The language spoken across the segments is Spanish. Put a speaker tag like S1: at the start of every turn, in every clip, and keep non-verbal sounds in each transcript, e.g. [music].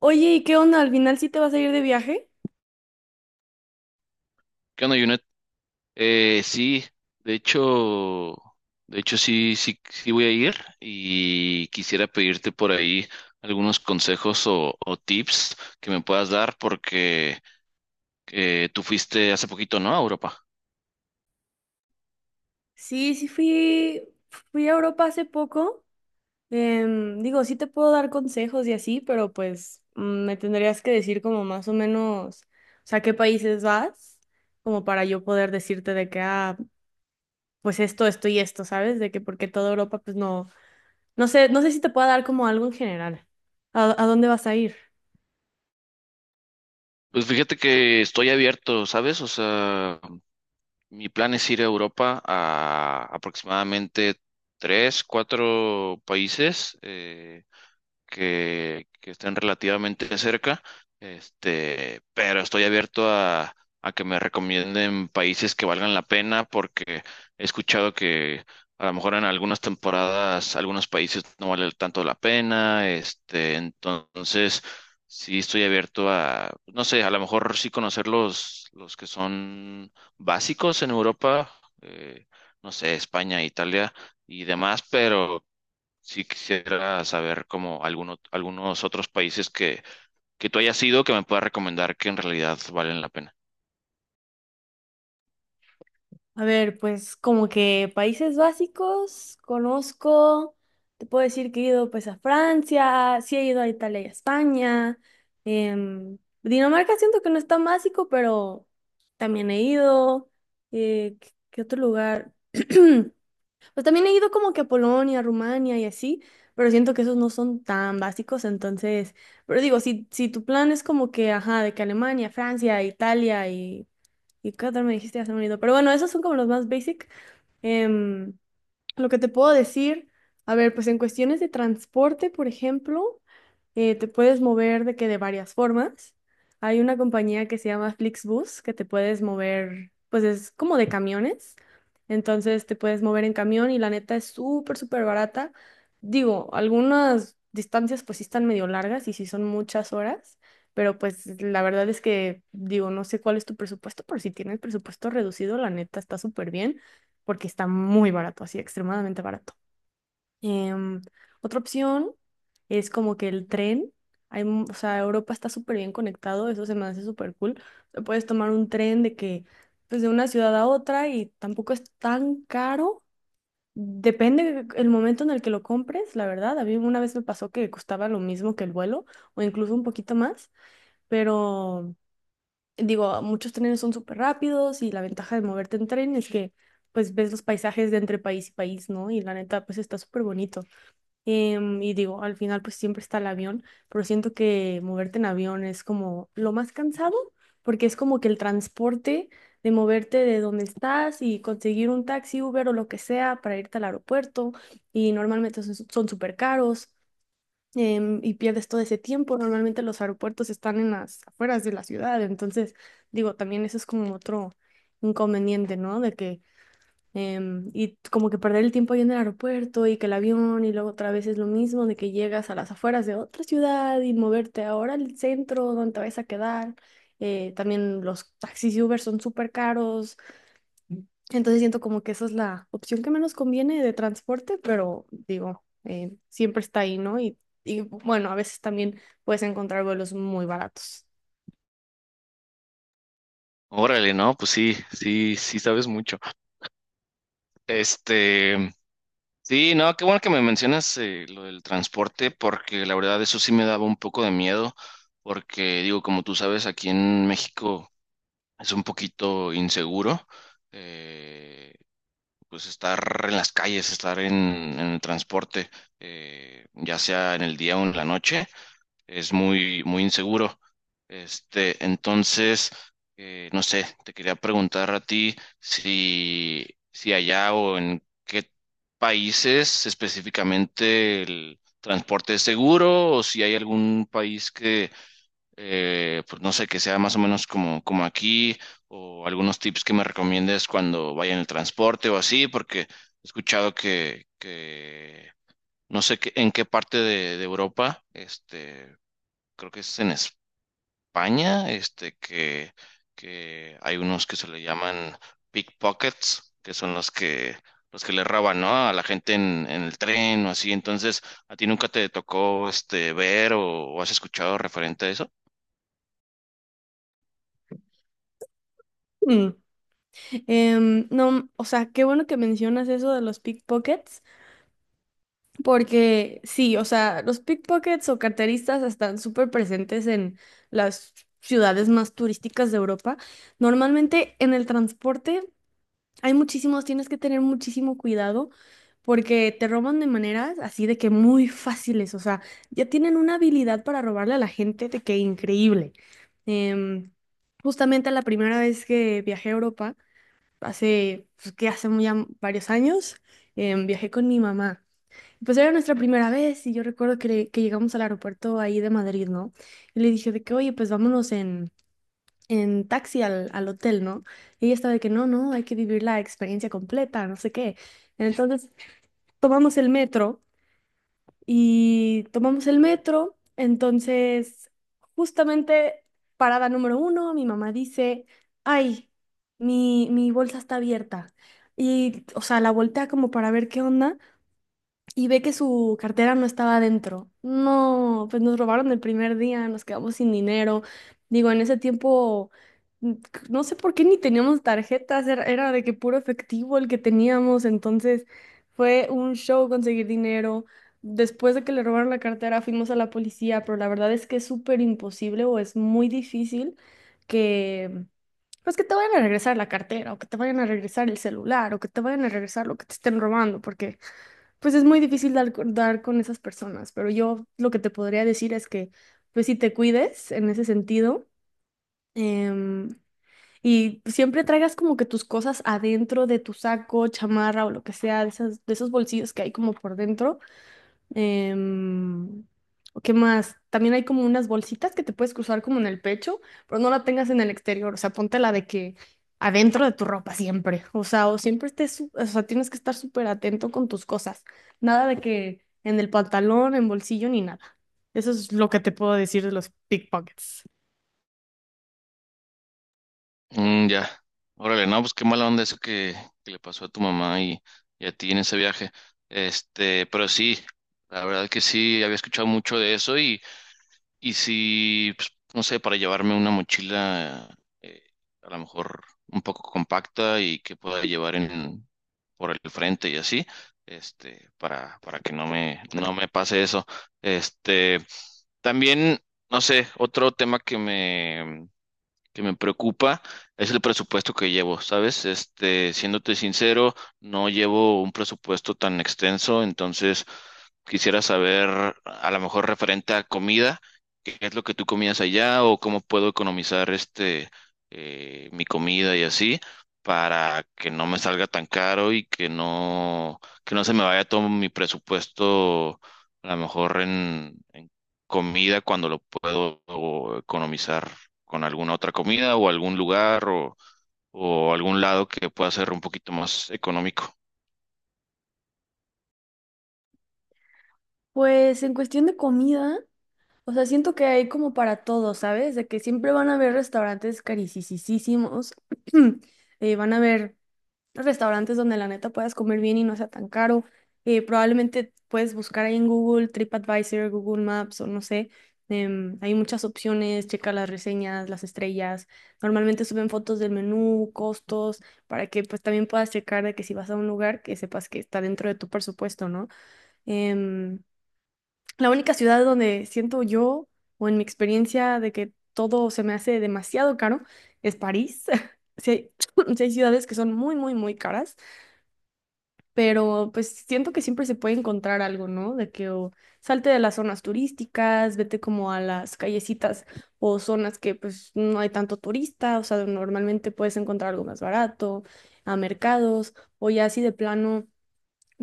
S1: Oye, ¿y qué onda? ¿Al final sí te vas a ir de viaje?
S2: ¿Qué onda, Junet? Sí, de hecho, de hecho sí, sí voy a ir y quisiera pedirte por ahí algunos consejos o tips que me puedas dar porque tú fuiste hace poquito, ¿no? A Europa.
S1: Sí, sí fui, fui a Europa hace poco. Digo, sí te puedo dar consejos y así, pero pues me tendrías que decir como más o menos, o sea, qué países vas, como para yo poder decirte de que, ah, pues esto y esto, ¿sabes? De que porque toda Europa, pues no, no sé, no sé si te pueda dar como algo en general. ¿A dónde vas a ir?
S2: Pues fíjate que estoy abierto, ¿sabes? O sea, mi plan es ir a Europa a aproximadamente tres, cuatro países. Que estén relativamente cerca, este, pero estoy abierto a que me recomienden países que valgan la pena porque he escuchado que a lo mejor en algunas temporadas algunos países no valen tanto la pena, este, entonces sí estoy abierto a, no sé, a lo mejor sí conocer los que son básicos en Europa, eh, no sé, España, Italia y demás, pero sí quisiera saber como algunos otros países que tú hayas ido que me pueda recomendar que en realidad valen la pena.
S1: A ver, pues como que países básicos, conozco, te puedo decir que he ido pues a Francia, sí he ido a Italia y a España. em, Dinamarca siento que no es tan básico, pero también he ido. ¿Qué otro lugar? [clears throat] Pues también he ido como que a Polonia, Rumania y así, pero siento que esos no son tan básicos, entonces, pero digo, si tu plan es como que, ajá, de que Alemania, Francia, Italia y qué otro me dijiste hace un bonito. Pero bueno, esos son como los más basic. Em, lo que te puedo decir, a ver, pues en cuestiones de transporte, por ejemplo te puedes mover de que de varias formas. Hay una compañía que se llama Flixbus que te puedes mover, pues es como de camiones. Entonces te puedes mover en camión y la neta es súper, súper barata. Digo, algunas distancias pues sí están medio largas y sí son muchas horas, pero pues la verdad es que digo, no sé cuál es tu presupuesto, pero si tienes presupuesto reducido, la neta está súper bien porque está muy barato, así extremadamente barato. Em, Otra opción es como que el tren, hay, o sea, Europa está súper bien conectado, eso se me hace súper cool. O sea, puedes tomar un tren de que, pues de una ciudad a otra y tampoco es tan caro. Depende el momento en el que lo compres, la verdad. A mí una vez me pasó que costaba lo mismo que el vuelo o incluso un poquito más, pero digo, muchos trenes son súper rápidos y la ventaja de moverte en tren es que pues ves los paisajes de entre país y país, ¿no? Y la neta, pues está súper bonito. Y digo, al final pues siempre está el avión, pero siento que moverte en avión es como lo más cansado, porque es como que el transporte de moverte de donde estás y conseguir un taxi, Uber o lo que sea para irte al aeropuerto, y normalmente son súper caros, y pierdes todo ese tiempo. Normalmente los aeropuertos están en las afueras de la ciudad, entonces digo, también eso es como otro inconveniente, ¿no? De que y como que perder el tiempo ahí en el aeropuerto y que el avión y luego otra vez es lo mismo de que llegas a las afueras de otra ciudad y moverte ahora al centro donde te vas a quedar. También los taxis y Uber son súper caros. Entonces siento como que esa es la opción que menos conviene de transporte, pero digo, siempre está ahí, ¿no? Y bueno, a veces también puedes encontrar vuelos muy baratos.
S2: Órale, no, pues sí, sí sabes mucho. Este, sí, no, qué bueno que me mencionas lo del transporte porque la verdad eso sí me daba un poco de miedo porque digo, como tú sabes, aquí en México es un poquito inseguro. eh, pues estar en las calles, estar en el transporte, ya sea en el día o en la noche. Es muy, muy inseguro. Este, entonces, no sé, te quería preguntar a ti si allá o en qué países específicamente el transporte es seguro o si hay algún país que, pues no sé, que sea más o menos como, como aquí o algunos tips que me recomiendes cuando vaya en el transporte o así, porque he escuchado que no sé en qué parte de Europa, este creo que es en España, este, que hay unos que se le llaman pickpockets, que son los que le roban, ¿no? A la gente en el tren o así. Entonces, ¿a ti nunca te tocó, este, ver o has escuchado referente a eso?
S1: Mm. No, o sea, qué bueno que mencionas eso de los pickpockets. Porque sí, o sea, los pickpockets o carteristas están súper presentes en las ciudades más turísticas de Europa. Normalmente en el transporte hay muchísimos, tienes que tener muchísimo cuidado porque te roban de maneras así de que muy fáciles, o sea, ya tienen una habilidad para robarle a la gente de que increíble. Em, Justamente la primera vez que viajé a Europa, hace, pues, que hace varios años, viajé con mi mamá. Pues era nuestra primera vez y yo recuerdo que, que llegamos al aeropuerto ahí de Madrid, ¿no? Y le dije de que, oye, pues vámonos en taxi al, al hotel, ¿no? Y ella estaba de que, no, no, hay que vivir la experiencia completa, no sé qué. Entonces tomamos el metro y tomamos el metro, entonces justamente parada número uno, mi mamá dice, ay, mi bolsa está abierta. Y, o sea, la voltea como para ver qué onda y ve que su cartera no estaba adentro. No, pues nos robaron el primer día, nos quedamos sin dinero. Digo, en ese tiempo, no sé por qué ni teníamos tarjetas, era, era de que puro efectivo el que teníamos, entonces fue un show conseguir dinero. Después de que le robaron la cartera, fuimos a la policía, pero la verdad es que es súper imposible o es muy difícil que, pues que te vayan a regresar la cartera o que te vayan a regresar el celular o que te vayan a regresar lo que te estén robando, porque pues es muy difícil dar con esas personas, pero yo lo que te podría decir es que, pues si te cuides en ese sentido, em, y siempre traigas como que tus cosas adentro de tu saco, chamarra o lo que sea, de esas, de esos bolsillos que hay como por dentro. Em, ¿Qué más? También hay como unas bolsitas que te puedes cruzar como en el pecho, pero no la tengas en el exterior. O sea, ponte la de que adentro de tu ropa siempre. O sea, o siempre o sea, tienes que estar súper atento con tus cosas. Nada de que en el pantalón, en bolsillo, ni nada. Eso es lo que te puedo decir de los pickpockets.
S2: Mm, ya. Órale, no, pues qué mala onda eso que le pasó a tu mamá y a ti en ese viaje. Este, pero sí, la verdad que sí, había escuchado mucho de eso. Y si, pues, no sé, para llevarme una mochila eh, a lo mejor un poco compacta y que pueda llevar por el frente y así, este, para que no me, no me pase eso. Este, también, no sé, otro tema que me preocupa es el presupuesto que llevo, ¿sabes? Este, siéndote sincero, no llevo un presupuesto tan extenso, entonces quisiera saber, a lo mejor referente a comida, qué es lo que tú comías allá o cómo puedo economizar este mi comida y así para que no me salga tan caro y que que no se me vaya todo mi presupuesto a lo mejor en comida cuando lo puedo economizar con alguna otra comida o algún lugar o algún lado que pueda ser un poquito más económico.
S1: Pues en cuestión de comida, o sea, siento que hay como para todo, ¿sabes? De que siempre van a haber restaurantes caricisísimos, [clears throat] van a haber restaurantes donde la neta puedas comer bien y no sea tan caro. Probablemente puedes buscar ahí en Google, TripAdvisor, Google Maps o no sé. Hay muchas opciones, checa las reseñas, las estrellas. Normalmente suben fotos del menú, costos, para que pues también puedas checar de que si vas a un lugar que sepas que está dentro de tu presupuesto, ¿no? Em, la única ciudad donde siento yo o en mi experiencia de que todo se me hace demasiado caro es París. [laughs] Sí hay [clears throat] sí hay ciudades que son muy, muy, muy caras pero pues siento que siempre se puede encontrar algo, ¿no? De que o salte de las zonas turísticas, vete como a las callecitas o zonas que pues no hay tanto turista, o sea, normalmente puedes encontrar algo más barato, a mercados, o ya así de plano,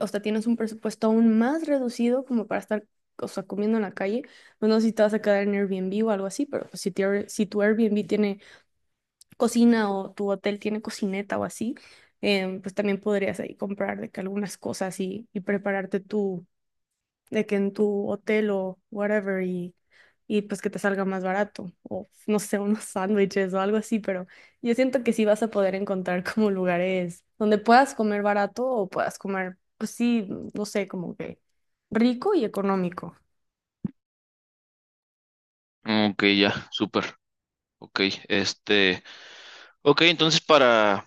S1: o sea, tienes un presupuesto aún más reducido como para estar, o sea, comiendo en la calle, pues no sé si te vas a quedar en Airbnb o algo así, pero pues, si, si tu Airbnb tiene cocina o tu hotel tiene cocineta o así, pues también podrías ahí comprar de que algunas cosas y prepararte tú, de que en tu hotel o whatever y pues que te salga más barato o no sé, unos [laughs] sándwiches o algo así, pero yo siento que sí vas a poder encontrar como lugares donde puedas comer barato o puedas comer, pues sí, no sé, como que rico y económico.
S2: Mm, ok, ya, súper. Ok, este, ok, entonces para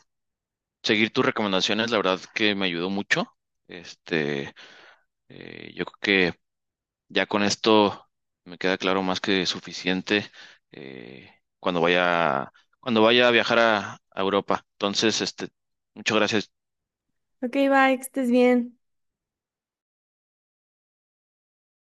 S2: seguir tus recomendaciones, la verdad que me ayudó mucho. Este, yo creo que ya con esto me queda claro más que suficiente. Eh, cuando vaya, cuando vaya a viajar a Europa. Entonces, este, muchas gracias.
S1: Ok, bye, que estés bien.